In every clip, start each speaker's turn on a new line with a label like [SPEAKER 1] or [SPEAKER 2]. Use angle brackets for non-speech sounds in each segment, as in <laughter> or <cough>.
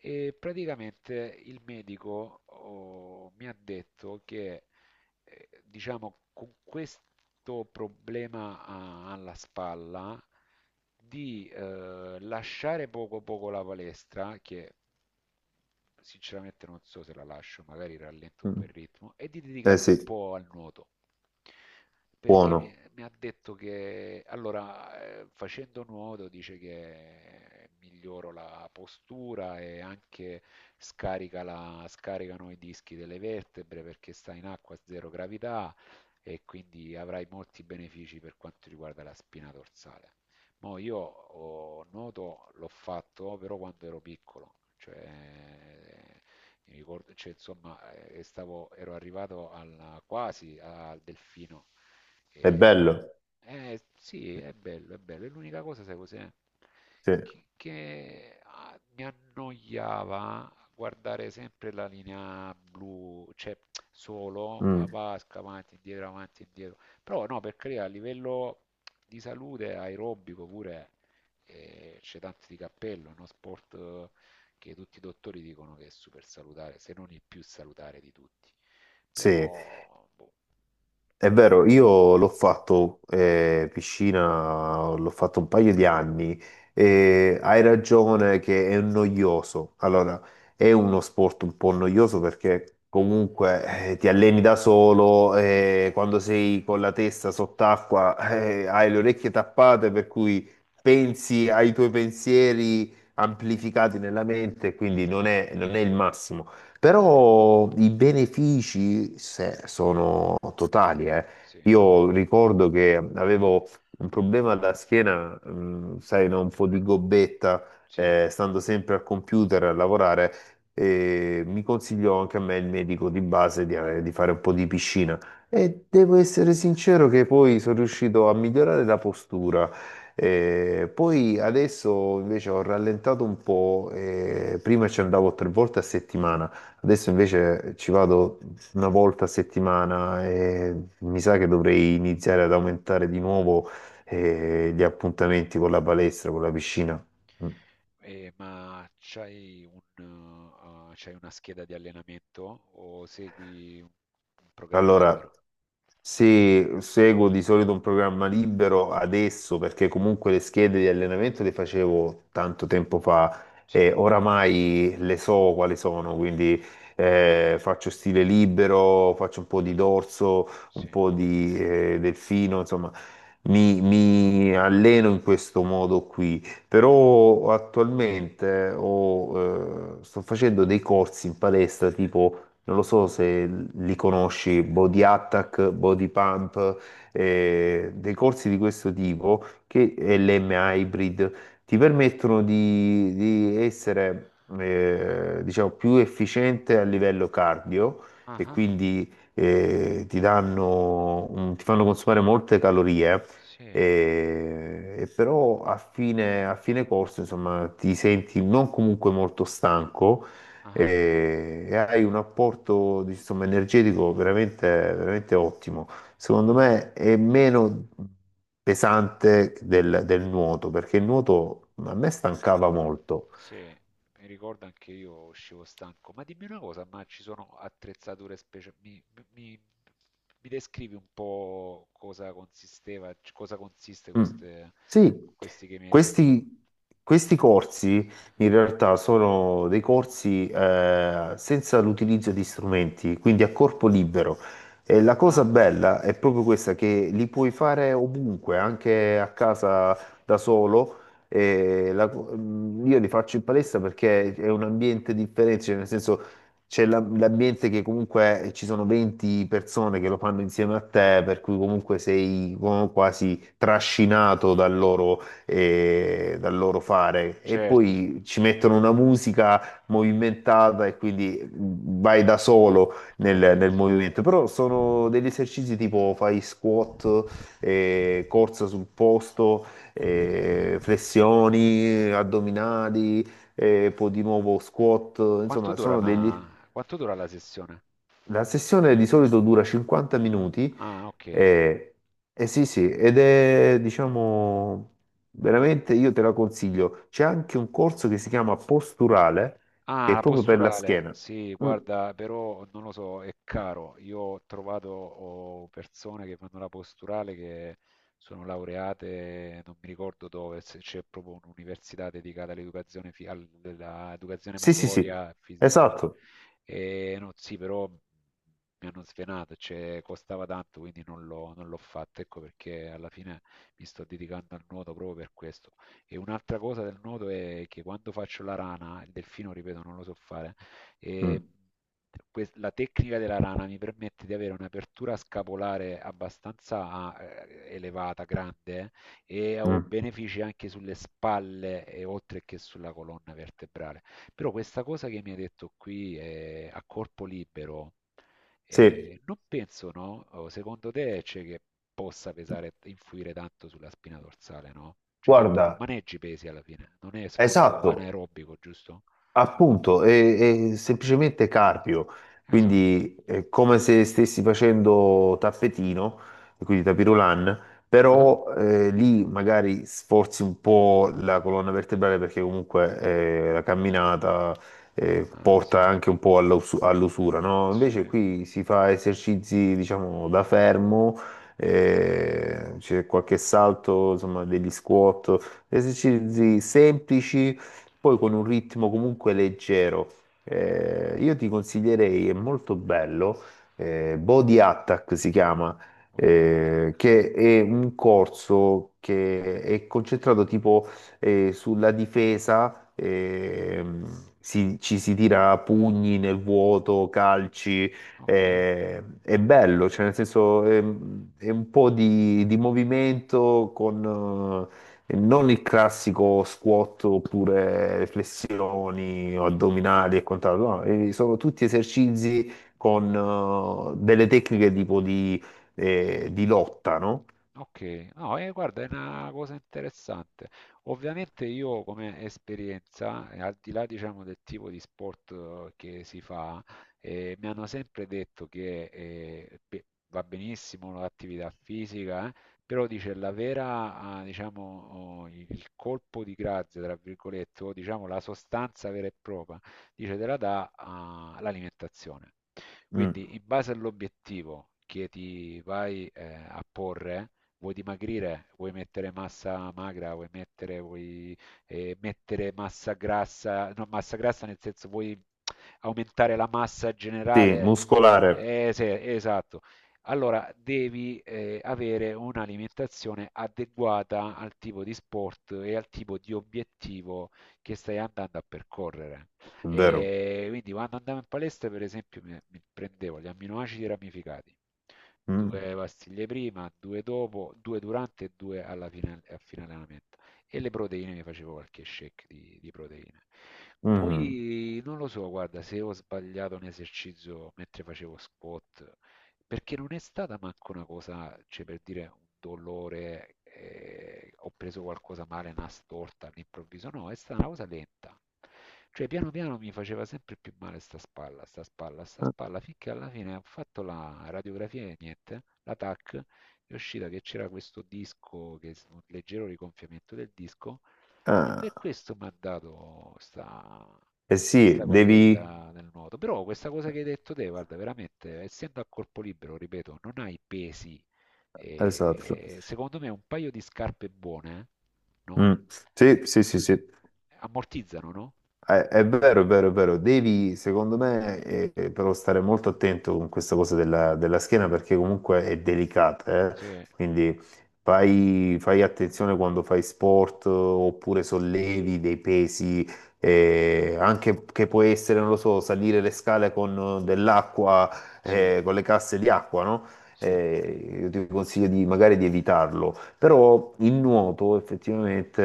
[SPEAKER 1] E praticamente il medico mi ha detto che, diciamo, con questo problema alla spalla, di lasciare poco poco la palestra, che sinceramente non so se la lascio, magari rallento un po' il
[SPEAKER 2] Mm.
[SPEAKER 1] ritmo, e di
[SPEAKER 2] Eh
[SPEAKER 1] dedicarmi un
[SPEAKER 2] sì,
[SPEAKER 1] po' al nuoto perché mi,
[SPEAKER 2] buono,
[SPEAKER 1] mi ha detto che allora facendo nuoto dice che miglioro la postura e anche scaricano i dischi delle vertebre perché sta in acqua a zero gravità e quindi avrai molti benefici per quanto riguarda la spina dorsale. Mo nuoto l'ho fatto però quando ero piccolo, cioè mi ricordo, cioè, insomma, ero arrivato quasi al delfino.
[SPEAKER 2] è
[SPEAKER 1] E,
[SPEAKER 2] bello.
[SPEAKER 1] sì, è bello, è bello. E l'unica cosa, sai cos'è?
[SPEAKER 2] Sì,
[SPEAKER 1] Che, mi annoiava guardare sempre la linea blu, cioè solo a
[SPEAKER 2] mm,
[SPEAKER 1] vasca, avanti, indietro, avanti, indietro. Però no, per carità, a livello di salute aerobico pure c'è tanto di cappello, è uno sport che tutti i dottori dicono che è super salutare, se non il più salutare di tutti.
[SPEAKER 2] sì.
[SPEAKER 1] Però, boh,
[SPEAKER 2] È
[SPEAKER 1] ah,
[SPEAKER 2] vero, io l'ho fatto piscina, l'ho fatto un paio di anni e hai ragione che è noioso. Allora, è uno sport un po' noioso perché comunque ti alleni da solo e quando sei con la testa sott'acqua <laughs> hai le orecchie tappate per cui pensi ai tuoi pensieri amplificati nella mente, quindi non è il massimo.
[SPEAKER 1] sì,
[SPEAKER 2] Però i benefici sono totali, eh.
[SPEAKER 1] sì,
[SPEAKER 2] Io ricordo che avevo un problema alla schiena, sai, no? Un po' di gobbetta,
[SPEAKER 1] sì,
[SPEAKER 2] stando sempre al computer a lavorare, e mi consigliò anche a me il medico di base di fare un po' di piscina. E devo essere sincero che poi sono riuscito a migliorare la postura. Poi adesso invece ho rallentato un po', prima ci andavo tre volte a settimana. Adesso
[SPEAKER 1] sì.
[SPEAKER 2] invece ci vado una volta a settimana e mi sa che dovrei iniziare ad aumentare di nuovo gli appuntamenti con la palestra, con la piscina. Mm.
[SPEAKER 1] E, ma c'hai una scheda di allenamento o segui un programma
[SPEAKER 2] Allora,
[SPEAKER 1] libero?
[SPEAKER 2] se seguo di solito un programma libero adesso, perché comunque le schede di allenamento le facevo tanto tempo fa
[SPEAKER 1] Sì,
[SPEAKER 2] e oramai le so quali sono, quindi faccio stile libero, faccio un po' di dorso, un
[SPEAKER 1] sì.
[SPEAKER 2] po' di delfino, insomma, mi alleno in questo modo qui. Però attualmente sto facendo dei corsi in palestra tipo non lo so se li conosci, Body Attack, Body Pump, dei corsi di questo tipo, che è l'M Hybrid, ti permettono di essere, diciamo, più efficiente a livello cardio
[SPEAKER 1] Ah,
[SPEAKER 2] e
[SPEAKER 1] ah,
[SPEAKER 2] quindi ti fanno consumare molte calorie.
[SPEAKER 1] sì,
[SPEAKER 2] E però a fine corso, insomma, ti senti non comunque molto stanco,
[SPEAKER 1] ah, ah.
[SPEAKER 2] e hai un apporto, insomma, energetico veramente, veramente ottimo. Secondo me è meno pesante del nuoto, perché il nuoto a me stancava molto.
[SPEAKER 1] Sì, mi ricordo anche io uscivo stanco. Ma dimmi una cosa, ma ci sono attrezzature speciali? Mi- mi descrivi un po' cosa cosa consiste
[SPEAKER 2] Mm. Sì,
[SPEAKER 1] questi che mi hai detto?
[SPEAKER 2] questi, questi corsi in realtà sono dei corsi senza l'utilizzo di strumenti, quindi a corpo libero. E la cosa
[SPEAKER 1] Ah,
[SPEAKER 2] bella è proprio questa, che li puoi fare ovunque, anche a casa da solo. Io li faccio in palestra perché è un ambiente differente, cioè nel senso c'è l'ambiente che comunque ci sono 20 persone che lo fanno insieme a te, per cui comunque sei quasi trascinato dal loro fare. E
[SPEAKER 1] certo,
[SPEAKER 2] poi ci mettono una musica movimentata e quindi vai da solo nel
[SPEAKER 1] corretto.
[SPEAKER 2] movimento. Però sono degli esercizi tipo fai squat, corsa sul posto, flessioni, addominali. E poi di nuovo squat,
[SPEAKER 1] Quanto
[SPEAKER 2] insomma,
[SPEAKER 1] dura
[SPEAKER 2] sono degli
[SPEAKER 1] una... Quanto dura la sessione?
[SPEAKER 2] la sessione di solito dura 50 minuti
[SPEAKER 1] Ah, ok.
[SPEAKER 2] e, e sì, sì, ed è, diciamo, veramente io te la consiglio. C'è anche un corso che si chiama posturale, che
[SPEAKER 1] Ah,
[SPEAKER 2] è
[SPEAKER 1] la
[SPEAKER 2] proprio per la
[SPEAKER 1] posturale.
[SPEAKER 2] schiena.
[SPEAKER 1] Sì,
[SPEAKER 2] Mm,
[SPEAKER 1] guarda, però non lo so, è caro. Io ho trovato persone che fanno la posturale che sono laureate, non mi ricordo dove, se c'è proprio un'università dedicata all'educazione all'educazione
[SPEAKER 2] sì, sì, sì,
[SPEAKER 1] motoria, fisi- non ri-
[SPEAKER 2] esatto.
[SPEAKER 1] e no, sì, però mi hanno svenato, cioè, costava tanto, quindi non l'ho fatto, ecco perché alla fine mi sto dedicando al nuoto proprio per questo. E un'altra cosa del nuoto è che quando faccio la rana, il delfino, ripeto, non lo so fare, e
[SPEAKER 2] Mm,
[SPEAKER 1] la tecnica della rana mi permette di avere un'apertura scapolare abbastanza elevata, grande, e ho
[SPEAKER 2] mm,
[SPEAKER 1] benefici anche sulle spalle e oltre che sulla colonna vertebrale. Però questa cosa che mi hai detto qui a corpo libero.
[SPEAKER 2] sì,
[SPEAKER 1] E non penso, no? O secondo te c'è che possa pesare, influire tanto sulla spina dorsale, no? Cioè, tanto non
[SPEAKER 2] guarda,
[SPEAKER 1] maneggi pesi alla fine, non è sforzo
[SPEAKER 2] esatto.
[SPEAKER 1] anaerobico, giusto?
[SPEAKER 2] Appunto, è semplicemente carpio,
[SPEAKER 1] Esatto.
[SPEAKER 2] quindi è come se stessi facendo tappetino, e quindi tapirulan,
[SPEAKER 1] Ah,
[SPEAKER 2] però lì magari sforzi un po' la colonna vertebrale perché comunque la camminata
[SPEAKER 1] ah, sì,
[SPEAKER 2] porta anche un po' all'usura, no? Invece
[SPEAKER 1] sì,
[SPEAKER 2] qui si fa esercizi, diciamo, da fermo, c'è qualche salto, insomma, degli squat, esercizi semplici poi con un ritmo comunque leggero. Io ti consiglierei, è molto bello, Body Attack si chiama,
[SPEAKER 1] Body Attack.
[SPEAKER 2] che è un corso che è concentrato tipo sulla difesa, ci si tira pugni nel vuoto, calci,
[SPEAKER 1] Ok.
[SPEAKER 2] è bello, cioè nel senso un po' di movimento con e non il classico squat oppure flessioni o addominali e quant'altro, no, sono tutti esercizi con delle tecniche tipo di lotta, no?
[SPEAKER 1] Ok, no, guarda, è una cosa interessante. Ovviamente io come esperienza, al di là, diciamo, del tipo di sport che si fa, mi hanno sempre detto che va benissimo l'attività fisica, però dice diciamo, oh, il colpo di grazia, tra virgolette, o diciamo la sostanza vera e propria, dice te la dà l'alimentazione.
[SPEAKER 2] Mm,
[SPEAKER 1] Quindi in base all'obiettivo che ti vai a porre, vuoi dimagrire, vuoi mettere massa magra, vuoi mettere massa grassa, no, massa grassa nel senso vuoi aumentare la massa
[SPEAKER 2] sì,
[SPEAKER 1] generale.
[SPEAKER 2] muscolare,
[SPEAKER 1] Sì, esatto. Allora devi avere un'alimentazione adeguata al tipo di sport e al tipo di obiettivo che stai andando a percorrere.
[SPEAKER 2] vero.
[SPEAKER 1] E quindi quando andavo in palestra, per esempio, mi prendevo gli amminoacidi ramificati,
[SPEAKER 2] Mm,
[SPEAKER 1] due pastiglie prima, due dopo, due durante e due alla fine, a fine allenamento. E le proteine mi facevo qualche shake di proteine.
[SPEAKER 2] mhm.
[SPEAKER 1] Poi non lo so, guarda, se ho sbagliato un esercizio mentre facevo squat perché non è stata manco una cosa, cioè per dire un dolore, ho preso qualcosa male, una storta all'improvviso, no, è stata una cosa lenta. Cioè piano piano mi faceva sempre più male sta spalla, sta spalla, sta spalla, finché alla fine ho fatto la radiografia e niente, la TAC, è uscita che c'era questo disco, che un leggero rigonfiamento del disco, e per
[SPEAKER 2] Ah,
[SPEAKER 1] questo mi ha dato sta
[SPEAKER 2] eh sì,
[SPEAKER 1] questa cosa
[SPEAKER 2] devi.
[SPEAKER 1] del nuoto. Però questa cosa che hai detto te, guarda, veramente, essendo a corpo libero, ripeto, non hai pesi.
[SPEAKER 2] Esatto.
[SPEAKER 1] E secondo me un paio di scarpe buone, no?
[SPEAKER 2] Mm, sì, sì, sì, sì.
[SPEAKER 1] Ammortizzano, no?
[SPEAKER 2] È vero, è vero, è vero. Devi, secondo me, però stare molto attento con questa cosa della schiena perché comunque è delicata, eh.
[SPEAKER 1] Sì,
[SPEAKER 2] Quindi fai attenzione quando fai sport oppure sollevi dei pesi, anche che può essere, non lo so, salire le scale con dell'acqua,
[SPEAKER 1] sì,
[SPEAKER 2] con le casse di acqua, no?
[SPEAKER 1] sì.
[SPEAKER 2] Io ti consiglio di, magari di evitarlo, però il nuoto effettivamente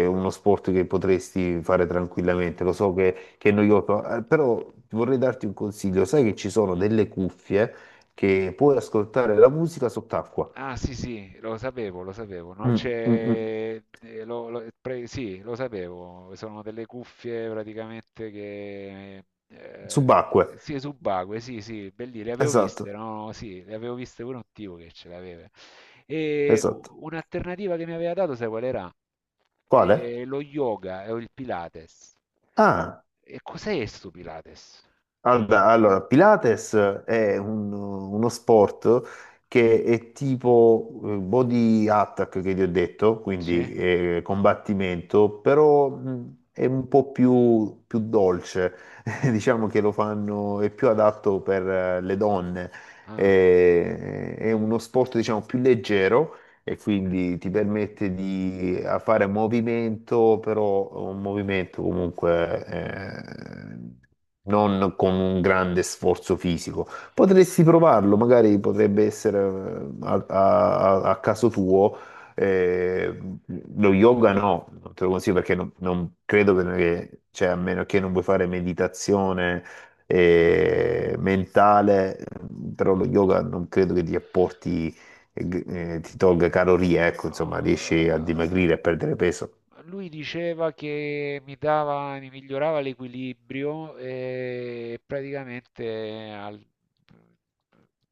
[SPEAKER 2] è uno sport che potresti fare tranquillamente, lo so che è noioso, però vorrei darti un consiglio, sai che ci sono delle cuffie che puoi ascoltare la musica sott'acqua.
[SPEAKER 1] Ah sì sì, lo sapevo, no?
[SPEAKER 2] Mm, mm, mm.
[SPEAKER 1] C'è, lo- lo- pre- sì, lo sapevo, sono delle cuffie praticamente che,
[SPEAKER 2] Subacque,
[SPEAKER 1] sì, subacquee, sì sì, belli, le avevo viste,
[SPEAKER 2] esatto,
[SPEAKER 1] no? Sì, le avevo viste pure un tipo che ce l'aveva. E
[SPEAKER 2] esatto.
[SPEAKER 1] un'alternativa che mi aveva dato, sai qual era?
[SPEAKER 2] Quale?
[SPEAKER 1] Lo yoga o il Pilates.
[SPEAKER 2] Ah.
[SPEAKER 1] E cos'è sto Pilates?
[SPEAKER 2] Allora, Pilates è uno sport che è tipo body attack che ti ho detto,
[SPEAKER 1] Sì?
[SPEAKER 2] quindi combattimento, però è un po' più dolce, <laughs> diciamo che lo fanno, è più adatto per le donne.
[SPEAKER 1] Ah.
[SPEAKER 2] È uno sport diciamo più leggero e quindi ti permette di fare movimento, però un movimento comunque non con un grande sforzo fisico. Potresti provarlo, magari potrebbe essere a caso tuo. eh, Lo yoga no, non te lo consiglio perché non credo che, cioè, a meno che non vuoi fare meditazione mentale, però lo yoga non credo che ti apporti ti tolga calorie, ecco, insomma, riesci a dimagrire e
[SPEAKER 1] No,
[SPEAKER 2] a perdere peso.
[SPEAKER 1] eh, lui diceva che mi migliorava l'equilibrio e praticamente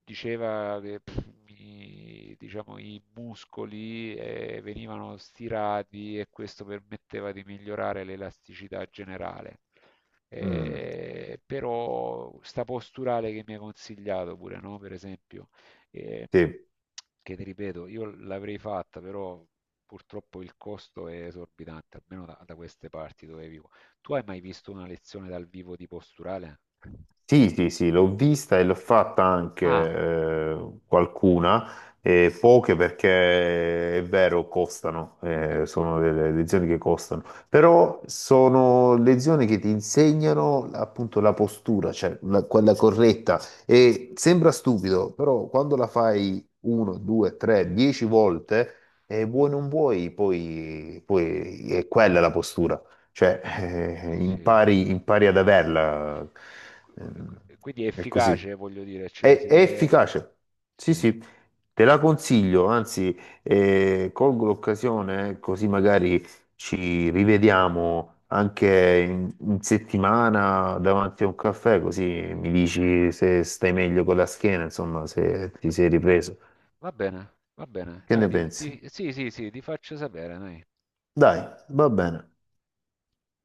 [SPEAKER 1] diceva che diciamo, i muscoli venivano stirati e questo permetteva di migliorare l'elasticità generale.
[SPEAKER 2] Mm,
[SPEAKER 1] Però sta posturale che mi ha consigliato pure, no? Per esempio che,
[SPEAKER 2] sì.
[SPEAKER 1] che ti ripeto, io l'avrei fatta, però purtroppo il costo è esorbitante, almeno da queste parti dove vivo. Tu hai mai visto una lezione dal vivo di posturale?
[SPEAKER 2] Sì, sì, sì, l'ho vista e l'ho fatta anche
[SPEAKER 1] Ah,
[SPEAKER 2] qualcuna, poche perché è vero, costano, sono delle lezioni che costano, però sono lezioni che ti insegnano appunto la postura, cioè quella corretta. E sembra stupido, però quando la fai uno, due, tre, dieci volte, vuoi non vuoi, poi è quella la postura. Cioè,
[SPEAKER 1] sì.
[SPEAKER 2] impari ad averla. Ehm,
[SPEAKER 1] Quindi è
[SPEAKER 2] È
[SPEAKER 1] efficace,
[SPEAKER 2] così.
[SPEAKER 1] voglio dire, cioè,
[SPEAKER 2] È
[SPEAKER 1] se...
[SPEAKER 2] efficace. Sì,
[SPEAKER 1] Sì.
[SPEAKER 2] sì, te la consiglio, anzi, colgo l'occasione, così magari ci rivediamo anche in settimana davanti a un caffè, così mi dici se stai meglio con la schiena, insomma, se ti sei ripreso.
[SPEAKER 1] Va bene, va bene.
[SPEAKER 2] Che
[SPEAKER 1] Dai,
[SPEAKER 2] ne pensi?
[SPEAKER 1] sì, sì, sì, ti faccio sapere, dai.
[SPEAKER 2] Dai, va bene.